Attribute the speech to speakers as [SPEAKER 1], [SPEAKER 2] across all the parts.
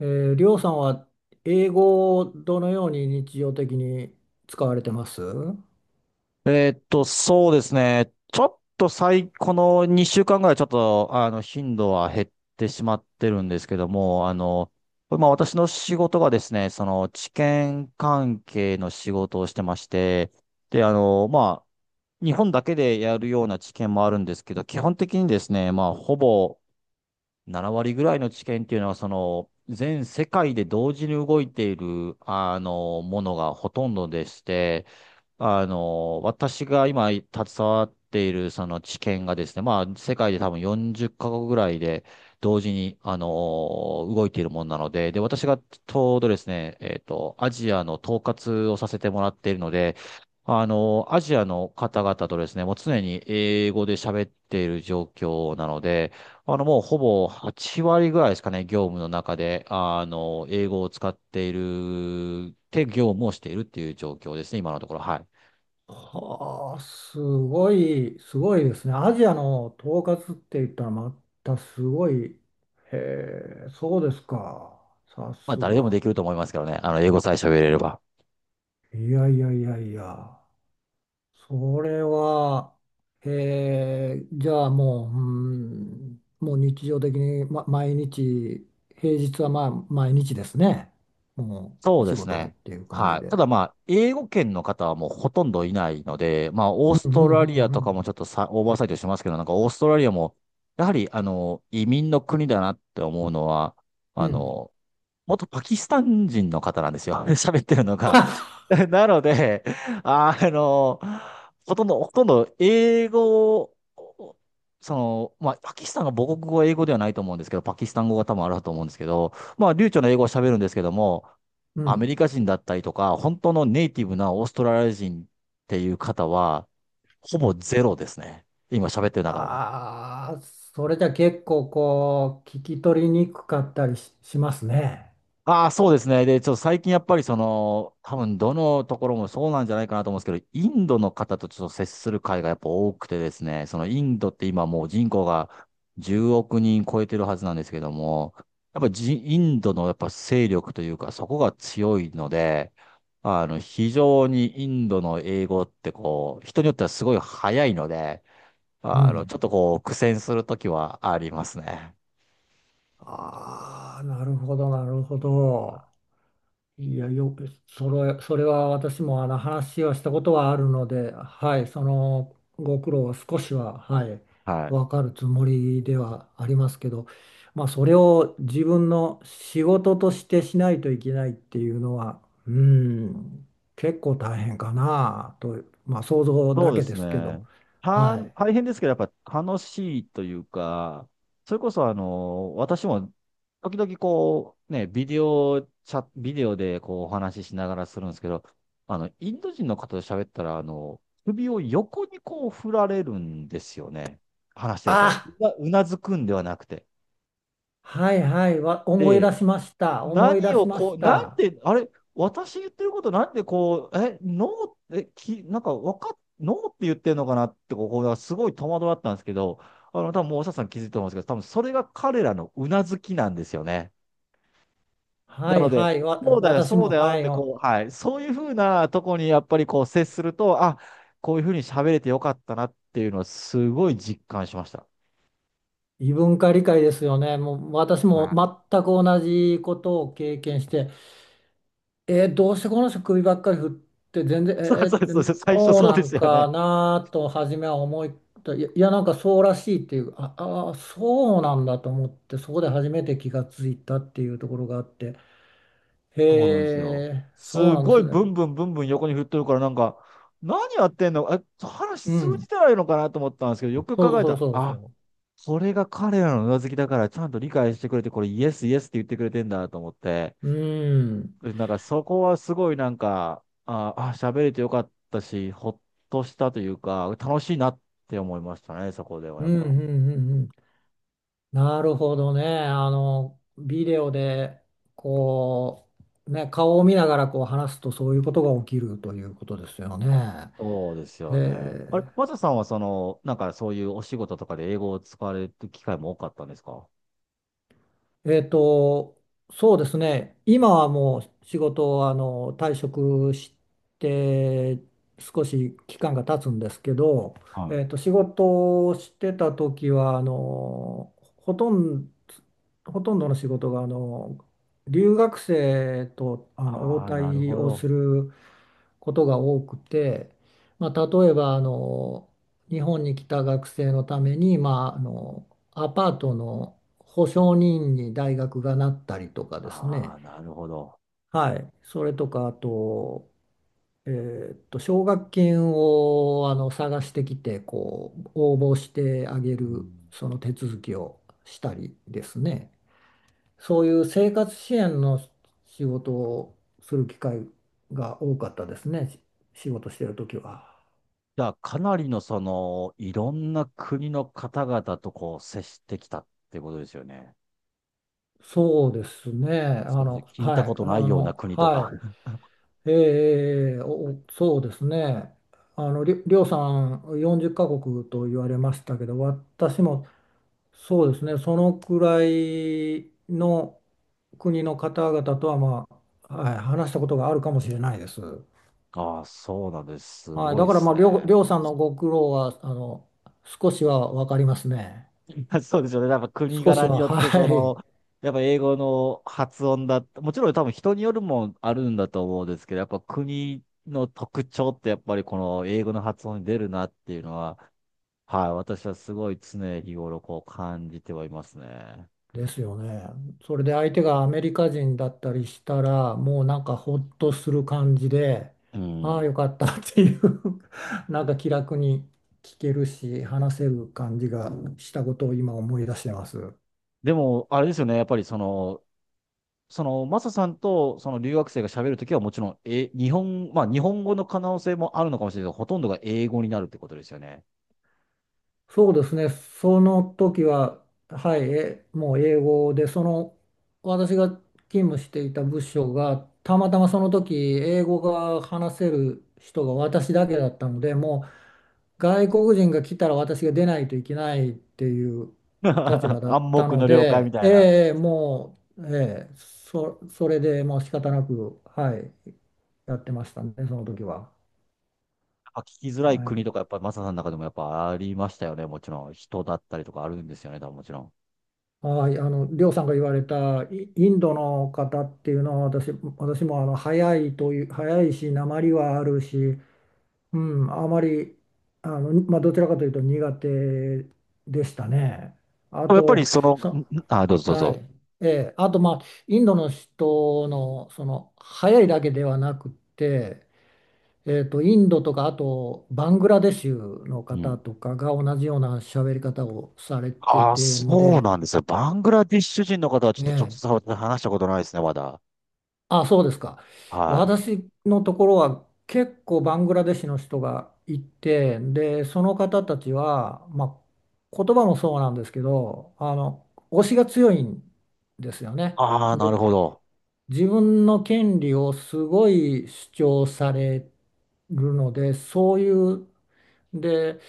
[SPEAKER 1] えりょうさんは英語をどのように日常的に使われてます？
[SPEAKER 2] そうですね。ちょっと最、この2週間ぐらいちょっと、あの、頻度は減ってしまってるんですけども、まあ私の仕事がですね、治験関係の仕事をしてまして、で、まあ、日本だけでやるような治験もあるんですけど、基本的にですね、まあ、ほぼ7割ぐらいの治験っていうのは、全世界で同時に動いている、ものがほとんどでして、私が今携わっているその知見がですね、まあ世界で多分40カ国ぐらいで同時に、動いているものなので、で、私がちょうどですね、アジアの統括をさせてもらっているので、アジアの方々とですね、もう常に英語で喋っている状況なので、もうほぼ8割ぐらいですかね、業務の中で、英語を使っている、て業務をしているっていう状況ですね、今のところ。はい。
[SPEAKER 1] はあ、すごい、すごいですね。アジアの統括って言ったらまたすごい。へえ、そうですか。さ
[SPEAKER 2] まあ、
[SPEAKER 1] す
[SPEAKER 2] 誰でもで
[SPEAKER 1] が。
[SPEAKER 2] きると思いますけどね。英語さえ喋れれば。
[SPEAKER 1] いやいやいやいや。それは、じゃあもう、うん、もう日常的に、ま、毎日、平日はまあ毎日ですね。も
[SPEAKER 2] そ
[SPEAKER 1] う
[SPEAKER 2] う
[SPEAKER 1] 仕
[SPEAKER 2] です
[SPEAKER 1] 事っ
[SPEAKER 2] ね。
[SPEAKER 1] ていう感じ
[SPEAKER 2] はい。た
[SPEAKER 1] で。
[SPEAKER 2] だまあ、英語圏の方はもうほとんどいないので、まあ、オー
[SPEAKER 1] うん
[SPEAKER 2] ス
[SPEAKER 1] う
[SPEAKER 2] ト
[SPEAKER 1] ん
[SPEAKER 2] ラリ
[SPEAKER 1] うん
[SPEAKER 2] ア
[SPEAKER 1] う
[SPEAKER 2] とか
[SPEAKER 1] ん。
[SPEAKER 2] もちょっとさ、オーバーサイトしますけど、なんかオーストラリアも、やはり、移民の国だなって思うのは、
[SPEAKER 1] う
[SPEAKER 2] あ
[SPEAKER 1] ん。
[SPEAKER 2] の、元パキスタン人の方なんですよ。喋ってるのが。なので、あの、ほとんど英語を、まあ、パキスタンが母国語は英語ではないと思うんですけど、パキスタン語が多分あると思うんですけど、まあ、流暢な英語を喋るんですけども、
[SPEAKER 1] う
[SPEAKER 2] アメ
[SPEAKER 1] ん。
[SPEAKER 2] リカ人だったりとか、本当のネイティブなオーストラリア人っていう方は、ほぼゼロですね。今喋ってる中は。
[SPEAKER 1] ああ、それじゃ結構こう、聞き取りにくかったりし、しますね。
[SPEAKER 2] ああ、そうですね。で、ちょっと最近やっぱりその、多分どのところもそうなんじゃないかなと思うんですけど、インドの方とちょっと接する会がやっぱ多くてですね、そのインドって今もう人口が10億人超えてるはずなんですけども、やっぱじ、インドのやっぱ勢力というか、そこが強いので、非常にインドの英語ってこう、人によってはすごい早いので、
[SPEAKER 1] う
[SPEAKER 2] ち
[SPEAKER 1] ん。
[SPEAKER 2] ょっとこう、苦戦するときはありますね。
[SPEAKER 1] ああ、なるほど、なるほど。いや、よく、それ、それは私もあの話をしたことはあるので、はい、そのご苦労は少しは、はい、
[SPEAKER 2] はい。
[SPEAKER 1] わかるつもりではありますけど、まあ、それを自分の仕事としてしないといけないっていうのは、うん、結構大変かなと、まあ、想像
[SPEAKER 2] そ
[SPEAKER 1] だ
[SPEAKER 2] うで
[SPEAKER 1] けで
[SPEAKER 2] す
[SPEAKER 1] すけど、
[SPEAKER 2] ね。
[SPEAKER 1] はい。
[SPEAKER 2] 大変ですけど、やっぱ楽しいというか、それこそあの、私も時々こう、ね、ビデオでこうお話ししながらするんですけど、インド人の方と喋ったら、首を横にこう振られるんですよね。話してると。
[SPEAKER 1] あ、
[SPEAKER 2] うなずくんではなくて。
[SPEAKER 1] 思い出
[SPEAKER 2] で、
[SPEAKER 1] しました。思い
[SPEAKER 2] 何
[SPEAKER 1] 出
[SPEAKER 2] を
[SPEAKER 1] しま
[SPEAKER 2] こ
[SPEAKER 1] し
[SPEAKER 2] う、なん
[SPEAKER 1] た。
[SPEAKER 2] で、あれ、私言ってることなんでこう、え、ノーって、なんかわかっ、ノーって言ってるのかなって、ここがすごい戸惑ったんですけど、多分もうおしゃさん気づいてると思うんですけど、多分それが彼らのうなずきなんですよね。
[SPEAKER 1] は
[SPEAKER 2] な
[SPEAKER 1] い
[SPEAKER 2] ので、
[SPEAKER 1] はい、
[SPEAKER 2] そうだよ、
[SPEAKER 1] 私
[SPEAKER 2] そう
[SPEAKER 1] も、
[SPEAKER 2] だよ
[SPEAKER 1] は
[SPEAKER 2] っ
[SPEAKER 1] い。
[SPEAKER 2] て、
[SPEAKER 1] お
[SPEAKER 2] こう、はい、そういうふうなとこにやっぱりこう接すると、あ、こういうふうに喋れてよかったなっていうのはすごい実感しました。
[SPEAKER 1] 異文化理解ですよね。もう私も
[SPEAKER 2] はい。
[SPEAKER 1] 全く同じことを経験して、えーどうしてこの人首ばっかり振って全然、
[SPEAKER 2] そう
[SPEAKER 1] え
[SPEAKER 2] そうそう、
[SPEAKER 1] ー、
[SPEAKER 2] 最初
[SPEAKER 1] そう
[SPEAKER 2] そう
[SPEAKER 1] な
[SPEAKER 2] です
[SPEAKER 1] ん
[SPEAKER 2] よ
[SPEAKER 1] か
[SPEAKER 2] ね。
[SPEAKER 1] なと初めは思い、いや、いやなんかそうらしいっていう、ああー、そうなんだと思って、そこで初めて気がついたっていうところがあって、へ
[SPEAKER 2] そうなんですよ。
[SPEAKER 1] え、そう
[SPEAKER 2] す
[SPEAKER 1] なんで
[SPEAKER 2] ごい
[SPEAKER 1] す
[SPEAKER 2] ブ
[SPEAKER 1] ね。
[SPEAKER 2] ンブンブンブン横に振っとるから、なんか、何やってんのえ、話
[SPEAKER 1] う
[SPEAKER 2] 通じ
[SPEAKER 1] ん、
[SPEAKER 2] てないのかなと思ったんですけど、よく
[SPEAKER 1] そ
[SPEAKER 2] 考
[SPEAKER 1] う
[SPEAKER 2] え
[SPEAKER 1] そ
[SPEAKER 2] た
[SPEAKER 1] う
[SPEAKER 2] ら、
[SPEAKER 1] そう
[SPEAKER 2] あ、
[SPEAKER 1] そ
[SPEAKER 2] それが彼らのうなずきだから、ちゃんと理解してくれて、これイエスイエスって言ってくれてんだと思って、
[SPEAKER 1] う。うん、うん、
[SPEAKER 2] でなんかそこはすごいなんか、ああ、喋れてよかったし、ほっとしたというか、楽しいなって思いましたね、そこでは
[SPEAKER 1] う
[SPEAKER 2] やっ
[SPEAKER 1] ん、う
[SPEAKER 2] ぱ。
[SPEAKER 1] ん、うん。なるほどね。あの、ビデオで、こう、ね、顔を見ながらこう話すとそういうことが起きるということですよね。
[SPEAKER 2] そうです
[SPEAKER 1] へ
[SPEAKER 2] よね。あれ、
[SPEAKER 1] え。
[SPEAKER 2] マサさんはその、なんかそういうお仕事とかで英語を使われる機会も多かったんですか？
[SPEAKER 1] えっと、そうですね。今はもう仕事をあの退職して少し期間が経つんですけど、
[SPEAKER 2] はい。
[SPEAKER 1] えっと、仕事をしてた時はあのほとんど、ほとんどの仕事があの留学生とあの応
[SPEAKER 2] ああ、なる
[SPEAKER 1] 対
[SPEAKER 2] ほ
[SPEAKER 1] を
[SPEAKER 2] ど。
[SPEAKER 1] することが多くて、まあ、例えばあの日本に来た学生のために、まあ、あのアパートの保証人に大学がなったりとかです
[SPEAKER 2] あ
[SPEAKER 1] ね、
[SPEAKER 2] あ、なるほど。
[SPEAKER 1] はい、それとかあと、奨学金をあの探してきてこう応募してあげ
[SPEAKER 2] う
[SPEAKER 1] る
[SPEAKER 2] ん、
[SPEAKER 1] その手続きをしたりですね、そういう生活支援の仕事をする機会が多かったですね、仕事してる時は。
[SPEAKER 2] じゃあ、かなりのその、いろんな国の方々とこう接してきたってことですよね。
[SPEAKER 1] そうですね。あ
[SPEAKER 2] それこそ
[SPEAKER 1] の、
[SPEAKER 2] 聞い
[SPEAKER 1] は
[SPEAKER 2] たこ
[SPEAKER 1] い、
[SPEAKER 2] と
[SPEAKER 1] あ
[SPEAKER 2] ないような
[SPEAKER 1] の、
[SPEAKER 2] 国とか。
[SPEAKER 1] は い。えー、お、そうですね。あの、りょうさん40カ国と言われましたけど、私もそうですね、そのくらいの国の方々とは、まあ、はい、話したことがあるかもしれないです。
[SPEAKER 2] ああ、そうなんです。す
[SPEAKER 1] はい、
[SPEAKER 2] ご
[SPEAKER 1] だ
[SPEAKER 2] いで
[SPEAKER 1] から、
[SPEAKER 2] す
[SPEAKER 1] まあ、
[SPEAKER 2] ね。
[SPEAKER 1] りょうさんのご苦労は、あの、少しは分かりますね。
[SPEAKER 2] そうですよね。やっぱ国
[SPEAKER 1] 少し
[SPEAKER 2] 柄に
[SPEAKER 1] は、
[SPEAKER 2] よって、
[SPEAKER 1] は
[SPEAKER 2] そ
[SPEAKER 1] い。
[SPEAKER 2] の、やっぱ英語の発音だ、もちろん多分人によるもんあるんだと思うんですけど、やっぱ国の特徴ってやっぱりこの英語の発音に出るなっていうのは、はい、私はすごい常日頃こう感じてはいますね。
[SPEAKER 1] ですよね。それで相手がアメリカ人だったりしたら、もうなんかほっとする感じで、
[SPEAKER 2] う
[SPEAKER 1] ああ、
[SPEAKER 2] ん。
[SPEAKER 1] よかったっていう なんか気楽に聞けるし、話せる感じがしたことを今思い出してます。
[SPEAKER 2] でも、あれですよね、やっぱりその、その、マサさんとその留学生が喋るときはもちろん、え、日本、まあ日本語の可能性もあるのかもしれないけど、ほとんどが英語になるってことですよね。
[SPEAKER 1] そうですね、その時は、はい、え、もう英語で、その私が勤務していた部署が、たまたまその時、英語が話せる人が私だけだったので、もう外国人が来たら私が出ないといけないっていう立場 だっ
[SPEAKER 2] 暗
[SPEAKER 1] た
[SPEAKER 2] 黙
[SPEAKER 1] の
[SPEAKER 2] の了解み
[SPEAKER 1] で、
[SPEAKER 2] たいな。
[SPEAKER 1] ええ、もう、ええ、それでもう仕方なく、はい、やってましたね、その時は。
[SPEAKER 2] あ聞きづら
[SPEAKER 1] は
[SPEAKER 2] い国
[SPEAKER 1] い
[SPEAKER 2] とか、やっぱりマサさんの中でもやっぱありましたよね。もちろん、人だったりとかあるんですよね、多分もちろん。
[SPEAKER 1] はい、あの、りょうさんが言われたインドの方っていうのは私、私もあの早いという、早いし、訛りはあるし、うん、あまり、あの、まあ、どちらかというと苦手でしたね。あ
[SPEAKER 2] でもやっぱり
[SPEAKER 1] と、
[SPEAKER 2] その、
[SPEAKER 1] そ、
[SPEAKER 2] ん、あ、どうぞどう
[SPEAKER 1] はい、
[SPEAKER 2] ぞ。
[SPEAKER 1] ええ、あと、まあ、インドの人の、その、早いだけではなくって、えーと、インドとか、あと、バングラデシュの
[SPEAKER 2] う
[SPEAKER 1] 方
[SPEAKER 2] ん。
[SPEAKER 1] とかが同じような喋り方をされて
[SPEAKER 2] ああ、
[SPEAKER 1] てん
[SPEAKER 2] そう
[SPEAKER 1] で、
[SPEAKER 2] なんですよ。バングラディッシュ人の方はちょっと
[SPEAKER 1] ね
[SPEAKER 2] 直接話したことないですね、まだ。
[SPEAKER 1] あ、そうですか。
[SPEAKER 2] はい。
[SPEAKER 1] 私のところは結構バングラデシュの人がいて、で、その方たちは、まあ、言葉もそうなんですけど、あの、推しが強いんですよね。
[SPEAKER 2] ああ、なる
[SPEAKER 1] で、
[SPEAKER 2] ほど。
[SPEAKER 1] 自分の権利をすごい主張されるので、そういう、で、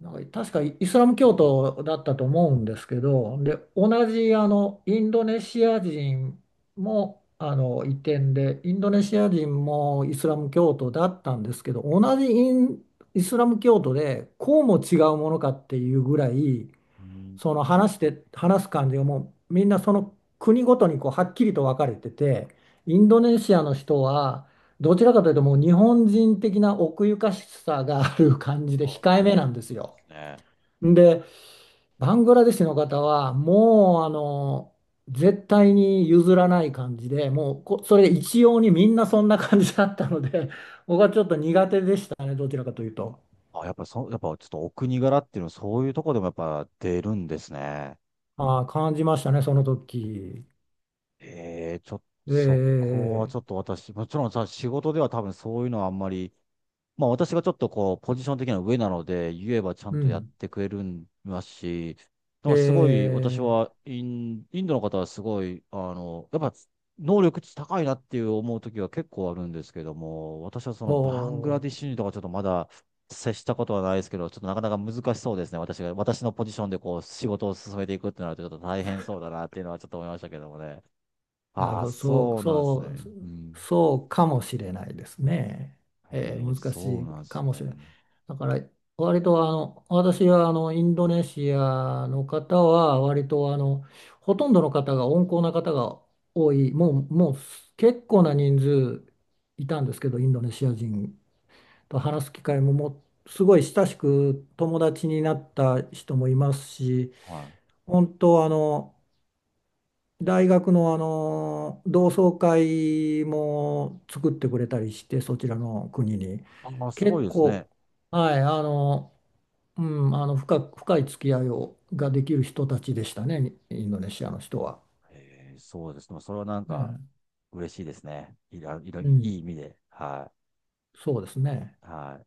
[SPEAKER 1] なんか確かイスラム教徒だったと思うんですけど、で、同じあのインドネシア人もあの移転で、インドネシア人もイスラム教徒だったんですけど、同じイン、イスラム教徒でこうも違うものかっていうぐらい、
[SPEAKER 2] うん。
[SPEAKER 1] その話して、話す感じがもうみんなその国ごとにこうはっきりと分かれてて、インドネシアの人は、どちらかというともう日本人的な奥ゆかしさがある感じで
[SPEAKER 2] あ、
[SPEAKER 1] 控え
[SPEAKER 2] そう
[SPEAKER 1] めなんで
[SPEAKER 2] な
[SPEAKER 1] す
[SPEAKER 2] んで
[SPEAKER 1] よ。
[SPEAKER 2] すね。
[SPEAKER 1] で、バングラデシュの方は、もう、あの、絶対に譲らない感じで、もうこ、それ一様にみんなそんな感じだったので、僕はちょっと苦手でしたね、どちらかというと。
[SPEAKER 2] あ、やっぱちょっとお国柄っていうのはそういうとこでもやっぱ出るんですね。
[SPEAKER 1] ああ、感じましたね、その時。
[SPEAKER 2] ええ、ちょっと、そ
[SPEAKER 1] え
[SPEAKER 2] こは
[SPEAKER 1] え
[SPEAKER 2] ちょっと私、もちろんさ、仕事では多分そういうのはあんまり、まあ私がちょっとこう、ポジション的には上なので、言えばちゃ
[SPEAKER 1] う
[SPEAKER 2] んとやっ
[SPEAKER 1] ん。
[SPEAKER 2] てくれるんますし、なんかすごい
[SPEAKER 1] え
[SPEAKER 2] 私
[SPEAKER 1] え
[SPEAKER 2] はインドの方はすごい、あの、やっぱ能力値高いなっていう思う時は結構あるんですけども、私はそのバングラ
[SPEAKER 1] お
[SPEAKER 2] ディッシュ人とかちょっとまだ接したことはないですけど、ちょっとなかなか難しそうですね。私が、私のポジションでこう、仕事を進めていくってなるとちょっと大変そうだなっていうのはちょっと思いましたけどもね。
[SPEAKER 1] なる
[SPEAKER 2] ああ、
[SPEAKER 1] ほど、そう、
[SPEAKER 2] そうなんです
[SPEAKER 1] そう、
[SPEAKER 2] ね。うん。
[SPEAKER 1] そうかもしれないですね。え
[SPEAKER 2] ええ、
[SPEAKER 1] ー難し
[SPEAKER 2] そう
[SPEAKER 1] い
[SPEAKER 2] なんで
[SPEAKER 1] か
[SPEAKER 2] すね。
[SPEAKER 1] もしれない。だから、割とあの、私はあの、インドネシアの方は、割とあの、ほとんどの方が温厚な方が多い、もう、もう結構な人数いたんですけど、インドネシア人と話す機会も、もうすごい親しく友達になった人もいますし、
[SPEAKER 2] はい。
[SPEAKER 1] 本当あの、大学のあの同窓会も作ってくれたりしてそちらの国に
[SPEAKER 2] あ、まあ、すご
[SPEAKER 1] 結
[SPEAKER 2] いですね。
[SPEAKER 1] 構はいあのうんあの深く、深い付き合いをができる人たちでしたねインドネシアの人は。
[SPEAKER 2] えー、そうですね。それはなんか
[SPEAKER 1] ね
[SPEAKER 2] 嬉しいですね。い
[SPEAKER 1] うん
[SPEAKER 2] い意味で。は
[SPEAKER 1] そうですね。
[SPEAKER 2] い。はい。